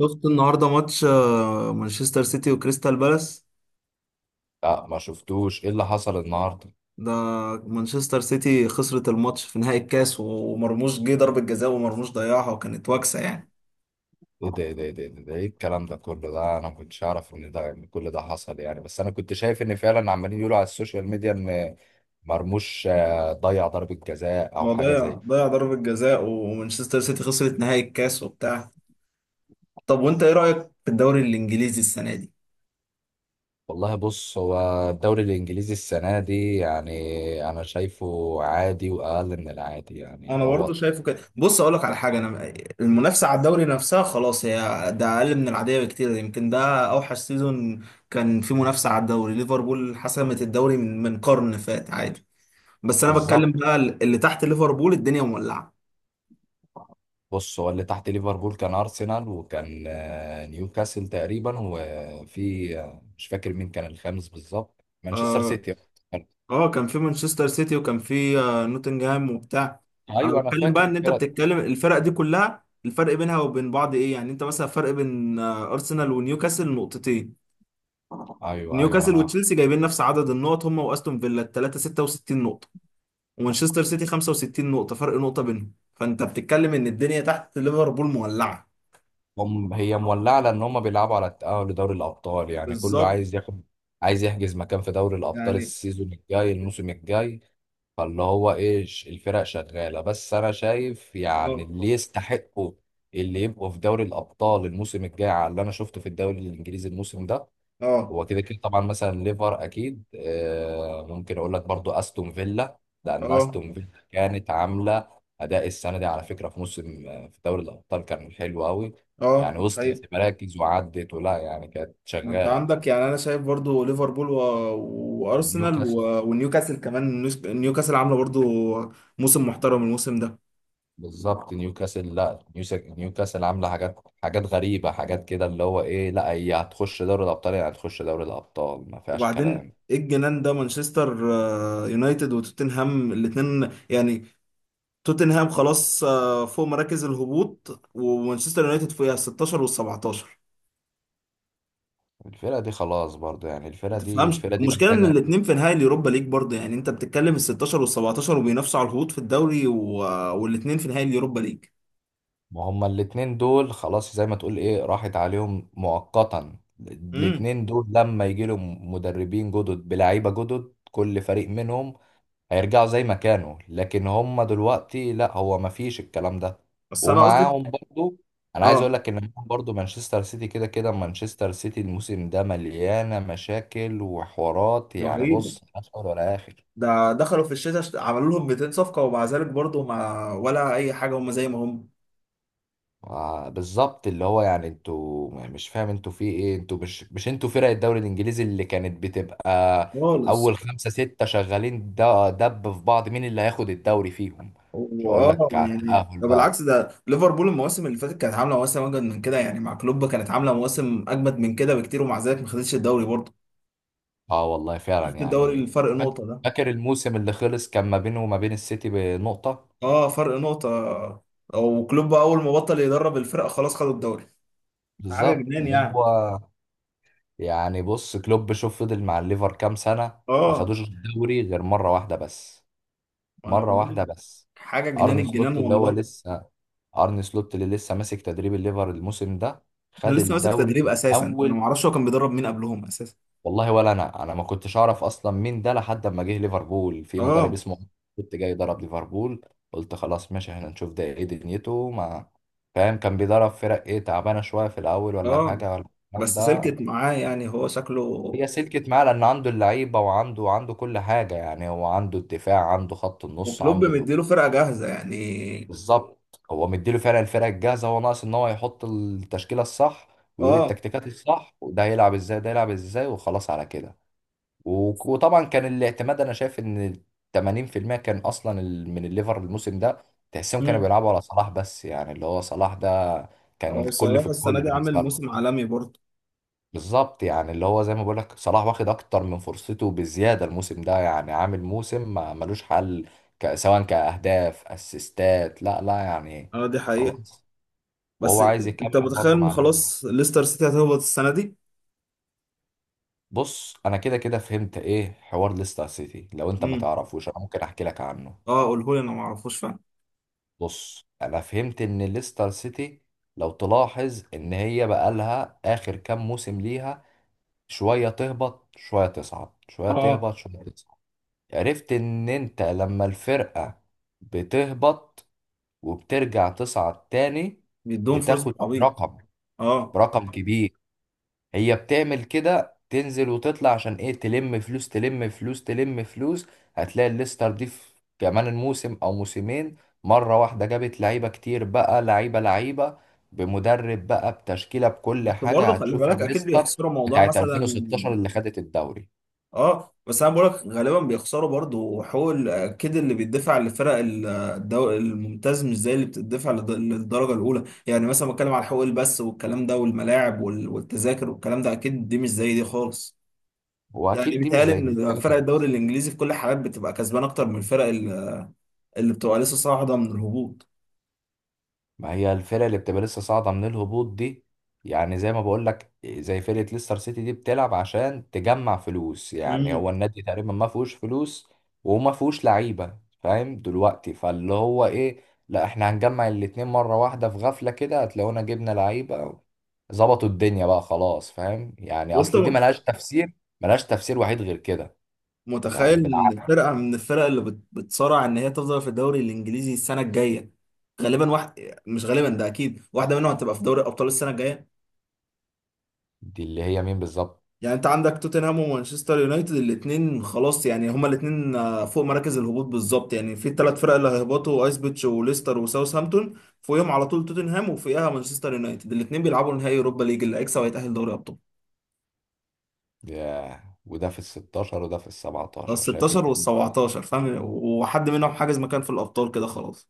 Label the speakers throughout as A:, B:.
A: شفت النهارده ماتش مانشستر سيتي وكريستال بالاس.
B: لا، ما شفتوش. ايه اللي حصل النهارده؟
A: ده مانشستر سيتي خسرت الماتش في نهائي الكاس ومرموش جه ضربة جزاء ومرموش ضيعها وكانت واكسة يعني.
B: ايه ده، ايه ده، ايه ده، ايه ده، إيه الكلام ده كله؟ ده انا ما كنتش اعرف ان ده إن كل ده حصل، يعني. بس انا كنت شايف ان فعلا عمالين يقولوا على السوشيال ميديا ان مرموش، ضيع ضربة جزاء او
A: هو
B: حاجة
A: ضيع
B: زي.
A: ضيع ضربة جزاء ومانشستر سيتي خسرت نهائي الكاس وبتاع. طب وانت ايه رأيك في الدوري الانجليزي السنة دي؟
B: والله، بص، هو الدوري الانجليزي السنة دي، يعني انا شايفه عادي واقل من العادي، يعني
A: انا
B: اللي
A: برضو
B: هو.
A: شايفه كده، بص اقول لك على حاجه. انا المنافسه على الدوري نفسها خلاص هي ده اقل من العاديه بكتير، يمكن ده اوحش سيزون كان في منافسه على الدوري. ليفربول حسمت الدوري من قرن فات عادي، بس انا بتكلم
B: بالظبط.
A: بقى اللي تحت ليفربول الدنيا مولعه.
B: بص، هو اللي تحت ليفربول كان ارسنال، وكان نيوكاسل تقريبا، وفي مش فاكر مين كان الخامس بالظبط، مانشستر
A: اه
B: سيتي.
A: اه، كان في مانشستر سيتي وكان في نوتنجهام وبتاع. انا
B: ايوه، انا
A: بتكلم
B: فاكر
A: بقى ان انت
B: الفرق.
A: بتتكلم الفرق دي كلها الفرق بينها وبين بعض ايه؟ يعني انت مثلا فرق بين ارسنال ونيوكاسل نقطتين،
B: ايوه، ايوه، ما
A: نيوكاسل
B: انا عارف.
A: وتشيلسي جايبين نفس عدد النقط هم واستون فيلا الثلاثه 66 نقطه، ومانشستر سيتي 65 نقطه، فرق نقطه بينهم. فانت بتتكلم ان الدنيا تحت ليفربول مولعه.
B: هم، هي مولعه لان هم بيلعبوا على التاهل لدوري الابطال، يعني كله
A: بالظبط
B: عايز ياخد، عايز يحجز مكان في دوري الابطال
A: يعني.
B: السيزون الجاي، الموسم الجاي. فاللي هو، ايه، الفرق شغاله، بس انا شايف، يعني
A: اه
B: اللي يستحقوا اللي يبقوا في دوري الابطال الموسم الجاي على اللي انا شفته في الدوري الانجليزي الموسم ده،
A: اه
B: هو كده كده طبعا. مثلا ليفر اكيد، ممكن اقول لك برضو استون فيلا. لان
A: اه
B: استون فيلا كانت عامله اداء السنه دي، على فكره، في موسم، في دوري الابطال كان حلو قوي.
A: اه،
B: يعني وصلت لمراكز وعدت، ولا يعني كانت
A: انت
B: شغاله.
A: عندك يعني انا شايف برضو ليفربول و... وارسنال و...
B: نيوكاسل.
A: ونيوكاسل كمان. نيوكاسل عامله برضو موسم محترم الموسم ده.
B: بالظبط، نيوكاسل. لا، نيوكاسل عامله حاجات حاجات غريبه، حاجات كده، اللي هو، ايه، لا هي هتخش دوري الابطال، يعني هتخش دوري الابطال ما فيهاش
A: وبعدين
B: كلام.
A: ايه الجنان ده؟ مانشستر يونايتد وتوتنهام الاتنين يعني توتنهام خلاص فوق مراكز الهبوط، ومانشستر يونايتد فوقها، 16 وال 17.
B: الفرقه دي خلاص برضو، يعني
A: ما
B: الفرقه دي
A: تفهمش
B: الفرقه دي
A: المشكله ان
B: محتاجه.
A: الاتنين في نهائي اليوروبا ليج برضه؟ يعني انت بتتكلم ال 16 وال 17 وبينافسوا على الهبوط في الدوري و... والاتنين في نهائي اليوروبا ليج.
B: ما هما الاتنين دول خلاص، زي ما تقول، ايه، راحت عليهم مؤقتا.
A: امم
B: الاتنين دول لما يجي لهم مدربين جدد بلعيبة جدد، كل فريق منهم هيرجعوا زي ما كانوا. لكن هما دلوقتي لا، هو ما فيش الكلام ده.
A: بس انا قصدي.
B: ومعاهم برضو. انا عايز
A: اه
B: اقول لك ان معاهم برضو مانشستر سيتي. كده كده مانشستر سيتي الموسم ده مليانة مشاكل وحوارات، يعني
A: رهيبه.
B: بص، ملهاش اول ولا اخر.
A: ده دخلوا في الشتاء عملوا لهم 200 صفقه ومع ذلك برضه ما ولا اي حاجه، هم زي ما هم
B: بالظبط. اللي هو، يعني، انتوا مش فاهم انتوا في ايه. انتوا مش، انتوا فرق الدوري الانجليزي اللي كانت بتبقى
A: خالص.
B: اول خمسة ستة شغالين، دب في بعض مين اللي هياخد الدوري فيهم. مش هقول
A: واه،
B: لك على
A: يعني
B: التأهل
A: ده
B: بقى.
A: بالعكس، ده ليفربول المواسم اللي فاتت كانت عامله مواسم اجمد من كده، يعني مع كلوب كانت عامله مواسم اجمد من كده بكتير ومع ذلك ما خدتش الدوري برضه.
B: اه، والله فعلا
A: شفت الدوري؟
B: يعني.
A: الفرق
B: فاك-
A: نقطه ده.
B: فاكر الموسم اللي خلص كان ما بينه وما بين السيتي بنقطة.
A: اه فرق نقطه. وكلوب اول ما بطل يدرب الفرقه خلاص خدوا الدوري، حاجه
B: بالظبط
A: جنان
B: اللي
A: يعني.
B: هو. يعني بص، كلوب، شوف فضل مع الليفر كام سنة. ما
A: اه
B: خدوش الدوري غير مرة واحدة بس،
A: انا
B: مرة واحدة
A: بقول
B: بس.
A: حاجه جنان،
B: ارني
A: الجنان
B: سلوت اللي هو
A: والله.
B: لسه ارن سلوت اللي لسه ماسك تدريب الليفر الموسم ده،
A: انا
B: خد
A: لسه ماسك
B: الدوري
A: تدريب اساسا، انا ما
B: الاول.
A: اعرفش هو كان بيدرب مين قبلهم اساسا.
B: والله، ولا انا ما كنتش اعرف اصلا مين ده لحد ما جه ليفربول في مدرب
A: اه
B: اسمه كنت جاي يدرب ليفربول. قلت خلاص ماشي، احنا نشوف ده ايه دنيته، ما فاهم كان بيدرب فرق ايه، تعبانه شويه في الاول ولا
A: اه،
B: حاجه ولا الكلام
A: بس
B: ده.
A: سلكت معاه يعني، هو شكله.
B: هي سلكت معاه لان عنده اللعيبه، وعنده كل حاجه، يعني هو عنده الدفاع، عنده خط النص،
A: وكلوب
B: عنده
A: مديله
B: الهجوم.
A: فرقة جاهزة يعني.
B: بالظبط، هو مديله فعلا الفرقه الجاهزه. هو ناقص ان هو يحط التشكيله الصح، ويقول
A: اه.
B: التكتيكات الصح، وده هيلعب ازاي، ده هيلعب ازاي، وخلاص على كده. وطبعا كان الاعتماد، انا شايف ان 80% كان اصلا من الليفر الموسم ده. تحسهم كانوا
A: امم
B: بيلعبوا على صلاح بس، يعني اللي هو صلاح ده كان
A: هو
B: الكل
A: صلاح
B: في
A: السنة
B: الكل
A: دي عامل
B: بالنسبه لهم.
A: موسم عالمي برضه.
B: بالظبط، يعني اللي هو، زي ما بقولك، صلاح واخد اكتر من فرصته بزياده الموسم ده، يعني عامل موسم ما ملوش حل، سواء كاهداف اسيستات، لا، لا يعني.
A: اه دي حقيقة.
B: خلاص.
A: بس
B: وهو عايز
A: انت
B: يكمل
A: متخيل
B: برضه
A: ان
B: مع الليفر.
A: خلاص ليستر سيتي هتهبط السنة دي؟
B: بص، انا كده كده فهمت ايه حوار ليستر سيتي. لو انت ما
A: امم.
B: تعرفوش انا ممكن احكي لك عنه.
A: اه قولهولي، انا ما اعرفوش فعلا.
B: بص، انا فهمت ان ليستر سيتي، لو تلاحظ ان هي بقالها اخر كام موسم ليها، شويه تهبط شويه تصعد، شويه
A: اه
B: تهبط شويه تصعد. عرفت ان انت لما الفرقة بتهبط وبترجع تصعد تاني،
A: بيدوهم فلوس
B: بتاخد
A: بالعبيط.
B: رقم
A: اه
B: رقم كبير. هي بتعمل كده، تنزل وتطلع، عشان ايه؟ تلم فلوس، تلم فلوس، تلم فلوس. هتلاقي الليستر دي في كمان الموسم او موسمين، مرة واحدة جابت لعيبة كتير بقى، لعيبة لعيبة، بمدرب بقى، بتشكيلة، بكل
A: بس برضه
B: حاجة،
A: خلي
B: هتشوف
A: بالك، اكيد
B: الليستر
A: بيخسروا موضوع
B: بتاعت
A: مثلا.
B: 2016 اللي خدت الدوري.
A: اه بس انا بقولك غالبا بيخسروا برضو، وحقوق اكيد اللي بيدفع الممتاز مش زي اللي بتدفع للدرجه الاولى. يعني مثلا بتكلم على حقوق البث والكلام ده والملاعب والتذاكر والكلام ده، اكيد دي مش زي دي خالص. يعني
B: واكيد دي مش
A: بيتهيألي
B: زي دي
A: ان
B: فعلا.
A: فرق الدوري الانجليزي في كل الحالات بتبقى كسبان اكتر من اللي بتبقى لسه صاعده من الهبوط.
B: ما هي الفرق اللي بتبقى لسه صاعدة من الهبوط دي، يعني زي ما بقول لك، زي فرقة ليستر سيتي دي، بتلعب عشان تجمع فلوس. يعني هو
A: امم.
B: النادي تقريبا ما فيهوش فلوس، وما فيهوش لعيبة، فاهم دلوقتي؟ فاللي هو، ايه، لا، احنا هنجمع الاتنين مرة واحدة في غفلة كده، هتلاقونا جبنا لعيبة، ظبطوا الدنيا بقى، خلاص. فاهم؟ يعني
A: وانت
B: اصل دي ملهاش تفسير، ملهاش تفسير وحيد غير كده.
A: متخيل
B: يعني
A: ان
B: بالعقل.
A: فرقه من الفرق اللي بتصارع ان هي تفضل في الدوري الانجليزي السنه الجايه، غالبا واحد، مش غالبا ده اكيد، واحده منهم هتبقى في دوري الابطال السنه الجايه؟
B: دي اللي هي مين بالظبط؟
A: يعني انت عندك توتنهام ومانشستر يونايتد الاثنين خلاص، يعني هما الاثنين فوق مراكز الهبوط بالظبط. يعني في الثلاث فرق اللي هيهبطوا ايسبيتش وليستر وساوثهامبتون، فوقيهم على طول توتنهام وفوقيها مانشستر يونايتد، الاثنين بيلعبوا نهائي اوروبا ليج، اللي هيكسب هيتاهل دوري ابطال.
B: ياه، وده في ال 16 وده في ال
A: ال
B: 17، شايف
A: 16 وال
B: الدنيا؟
A: 17 فاهم، وحد منهم حاجز مكان في الابطال كده خلاص.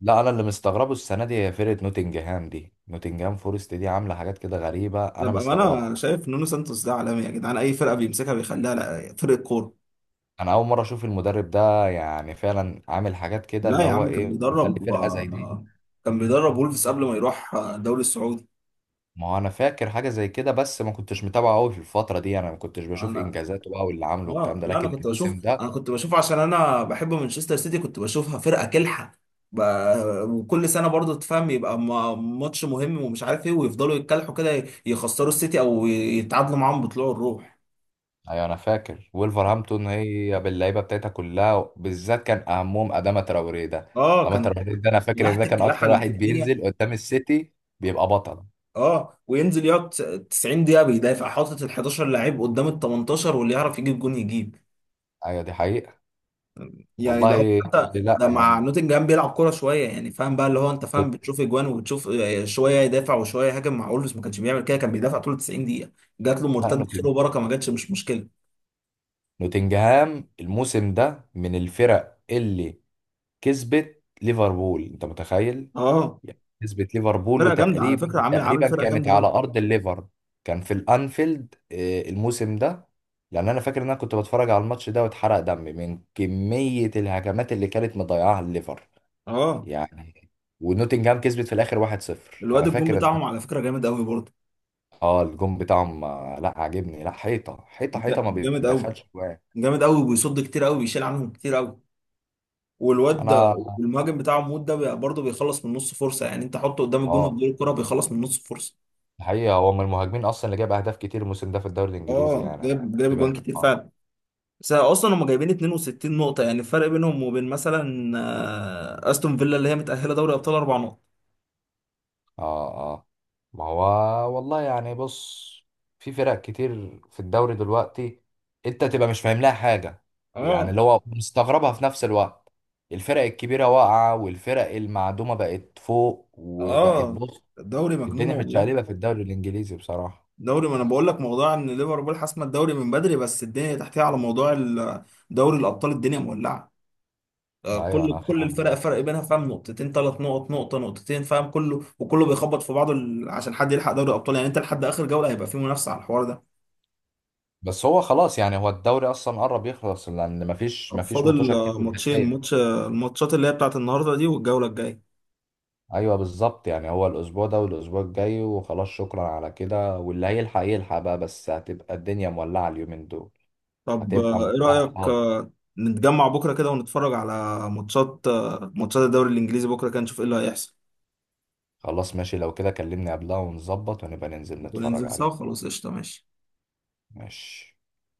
B: لا، انا اللي مستغربه السنه دي هي فرقه نوتنجهام دي، نوتنجهام فورست دي عامله حاجات كده غريبه،
A: لا
B: انا
A: بقى، انا
B: مستغربها.
A: شايف نونو سانتوس ده عالمي يا جدعان، اي فرقه بيمسكها بيخليها فرقه كوره.
B: انا اول مره اشوف المدرب ده، يعني فعلا عامل حاجات كده
A: لا
B: اللي
A: يا
B: هو،
A: عم كان
B: ايه، بيخلي
A: بيدرب و...
B: فرقه زي دي.
A: كان بيدرب وولفز قبل ما يروح الدوري السعودي.
B: ما هو انا فاكر حاجه زي كده، بس ما كنتش متابعه قوي في الفتره دي، انا ما كنتش بشوف
A: انا
B: انجازاته بقى واللي عامله والكلام
A: اه،
B: ده،
A: لا انا
B: لكن
A: كنت
B: الموسم
A: بشوف، انا
B: ده.
A: كنت بشوف عشان انا بحب مانشستر سيتي، كنت بشوفها فرقه كلحه. ب... وكل سنه برضو تفهم يبقى ماتش مهم ومش عارف ايه، ويفضلوا يتكلحوا كده يخسروا السيتي او يتعادلوا معاهم بطلوع الروح.
B: ايوه، انا فاكر ولفرهامبتون هي باللعيبه بتاعتها كلها، بالذات كان اهمهم اداما تراوريه ده.
A: اه
B: اداما
A: كان
B: تراوريه ده انا فاكر ان ده
A: لحت
B: كان
A: الكلاحه
B: اكتر
A: اللي
B: واحد
A: في الدنيا.
B: بينزل قدام السيتي، بيبقى بطل.
A: اه وينزل يقعد 90 دقيقة بيدافع، حاطط ال 11 لعيب قدام ال 18، واللي يعرف يجيب جون يجيب.
B: ايوه، دي حقيقة.
A: يعني ده هو،
B: والله،
A: حتى
B: لا
A: ده مع
B: يعني،
A: نوتنجهام بيلعب كورة شوية يعني فاهم بقى، اللي هو انت فاهم
B: نوت-
A: بتشوف اجوان وبتشوف شوية يدافع وشوية يهاجم. مع اولمز ما كانش بيعمل كده، كان بيدافع طول 90 دقيقة. جات له
B: لا،
A: مرتد خير وبركة، ما جاتش مش مشكلة.
B: نوتنجهام الموسم ده من الفرق اللي كسبت ليفربول، انت متخيل؟
A: اه
B: يعني كسبت ليفربول،
A: فرقة جامدة على
B: وتقريبا
A: فكرة، عامل عامل
B: تقريبا
A: فرقة
B: كانت
A: جامدة
B: على
A: قوي.
B: ارض الليفر، كان في الانفيلد، الموسم ده. لان انا فاكر ان انا كنت بتفرج على الماتش ده واتحرق دمي من كمية الهجمات اللي كانت مضيعاها الليفر.
A: اه
B: يعني. ونوتنجهام كسبت في الاخر 1-0.
A: الواد
B: انا
A: الجون
B: فاكر.
A: بتاعهم على فكرة جامد قوي برضه.
B: اه، الجون بتاعهم، لا عاجبني، لا، حيطه حيطه حيطه، ما
A: جامد قوي،
B: بيدخلش جوان.
A: جامد قوي وبيصد كتير قوي، بيشيل عنهم كتير قوي. والواد ده،
B: انا
A: والمهاجم بتاعه موت ده برضه بيخلص من نص فرصه، يعني انت حطه قدام الجون
B: اه
A: واديله الكره بيخلص من نص فرصه.
B: الحقيقه هو من المهاجمين اصلا اللي جاب اهداف كتير الموسم ده في الدوري الانجليزي،
A: اه
B: يعني أنا
A: جايب جايب
B: كنت
A: جوان كتير
B: اه،
A: فعلا. بس اصلا هم جايبين 62 نقطه، يعني الفرق بينهم وبين مثلا استون فيلا اللي هي متاهله دوري ابطال اربع نقط.
B: اه، آه. ما هو، والله، يعني، بص، في فرق كتير في الدوري دلوقتي انت تبقى مش فاهم لها حاجه. يعني
A: اه
B: اللي هو، مستغربها في نفس الوقت. الفرق الكبيره واقعه، والفرق المعدومه بقت فوق، وبقت،
A: اه.
B: بص.
A: الدوري مجنون
B: الدنيا
A: والله.
B: متشقلبه في الدوري الانجليزي بصراحه.
A: دوري، ما انا بقول لك موضوع ان ليفربول حاسمه الدوري من بدري، بس الدنيا تحتها على موضوع دوري الابطال الدنيا مولعه.
B: ايوه،
A: كل
B: انا
A: كل
B: فاهم.
A: الفرق فرق بينها فاهم نقطتين ثلاث نقط نقطة نقطتين، فاهم كله وكله بيخبط في بعضه عشان حد يلحق دوري الأبطال، يعني أنت لحد آخر جولة هيبقى في منافسة على الحوار ده.
B: بس هو خلاص، يعني هو الدوري اصلا قرب يخلص، لان مفيش
A: طب
B: مفيش
A: فاضل
B: مطوشه كتير
A: ماتشين
B: متبقيه.
A: ماتش الماتشات اللي هي بتاعت النهاردة دي والجولة الجاية.
B: ايوه، بالظبط، يعني هو الاسبوع ده والاسبوع الجاي، وخلاص، شكرا على كده، واللي هيلحق يلحق بقى، بس هتبقى الدنيا مولعه اليومين دول.
A: طب
B: هتبقى
A: إيه
B: مولعه
A: رأيك
B: خالص.
A: نتجمع بكرة كده ونتفرج على ماتشات ماتشات الدوري الإنجليزي بكرة كده، نشوف إيه اللي هيحصل
B: خلاص، ماشي، لو كده كلمني قبلها ونظبط ونبقى ننزل نتفرج
A: وننزل سوا.
B: عليه.
A: خلاص قشطة ماشي.
B: ماشي.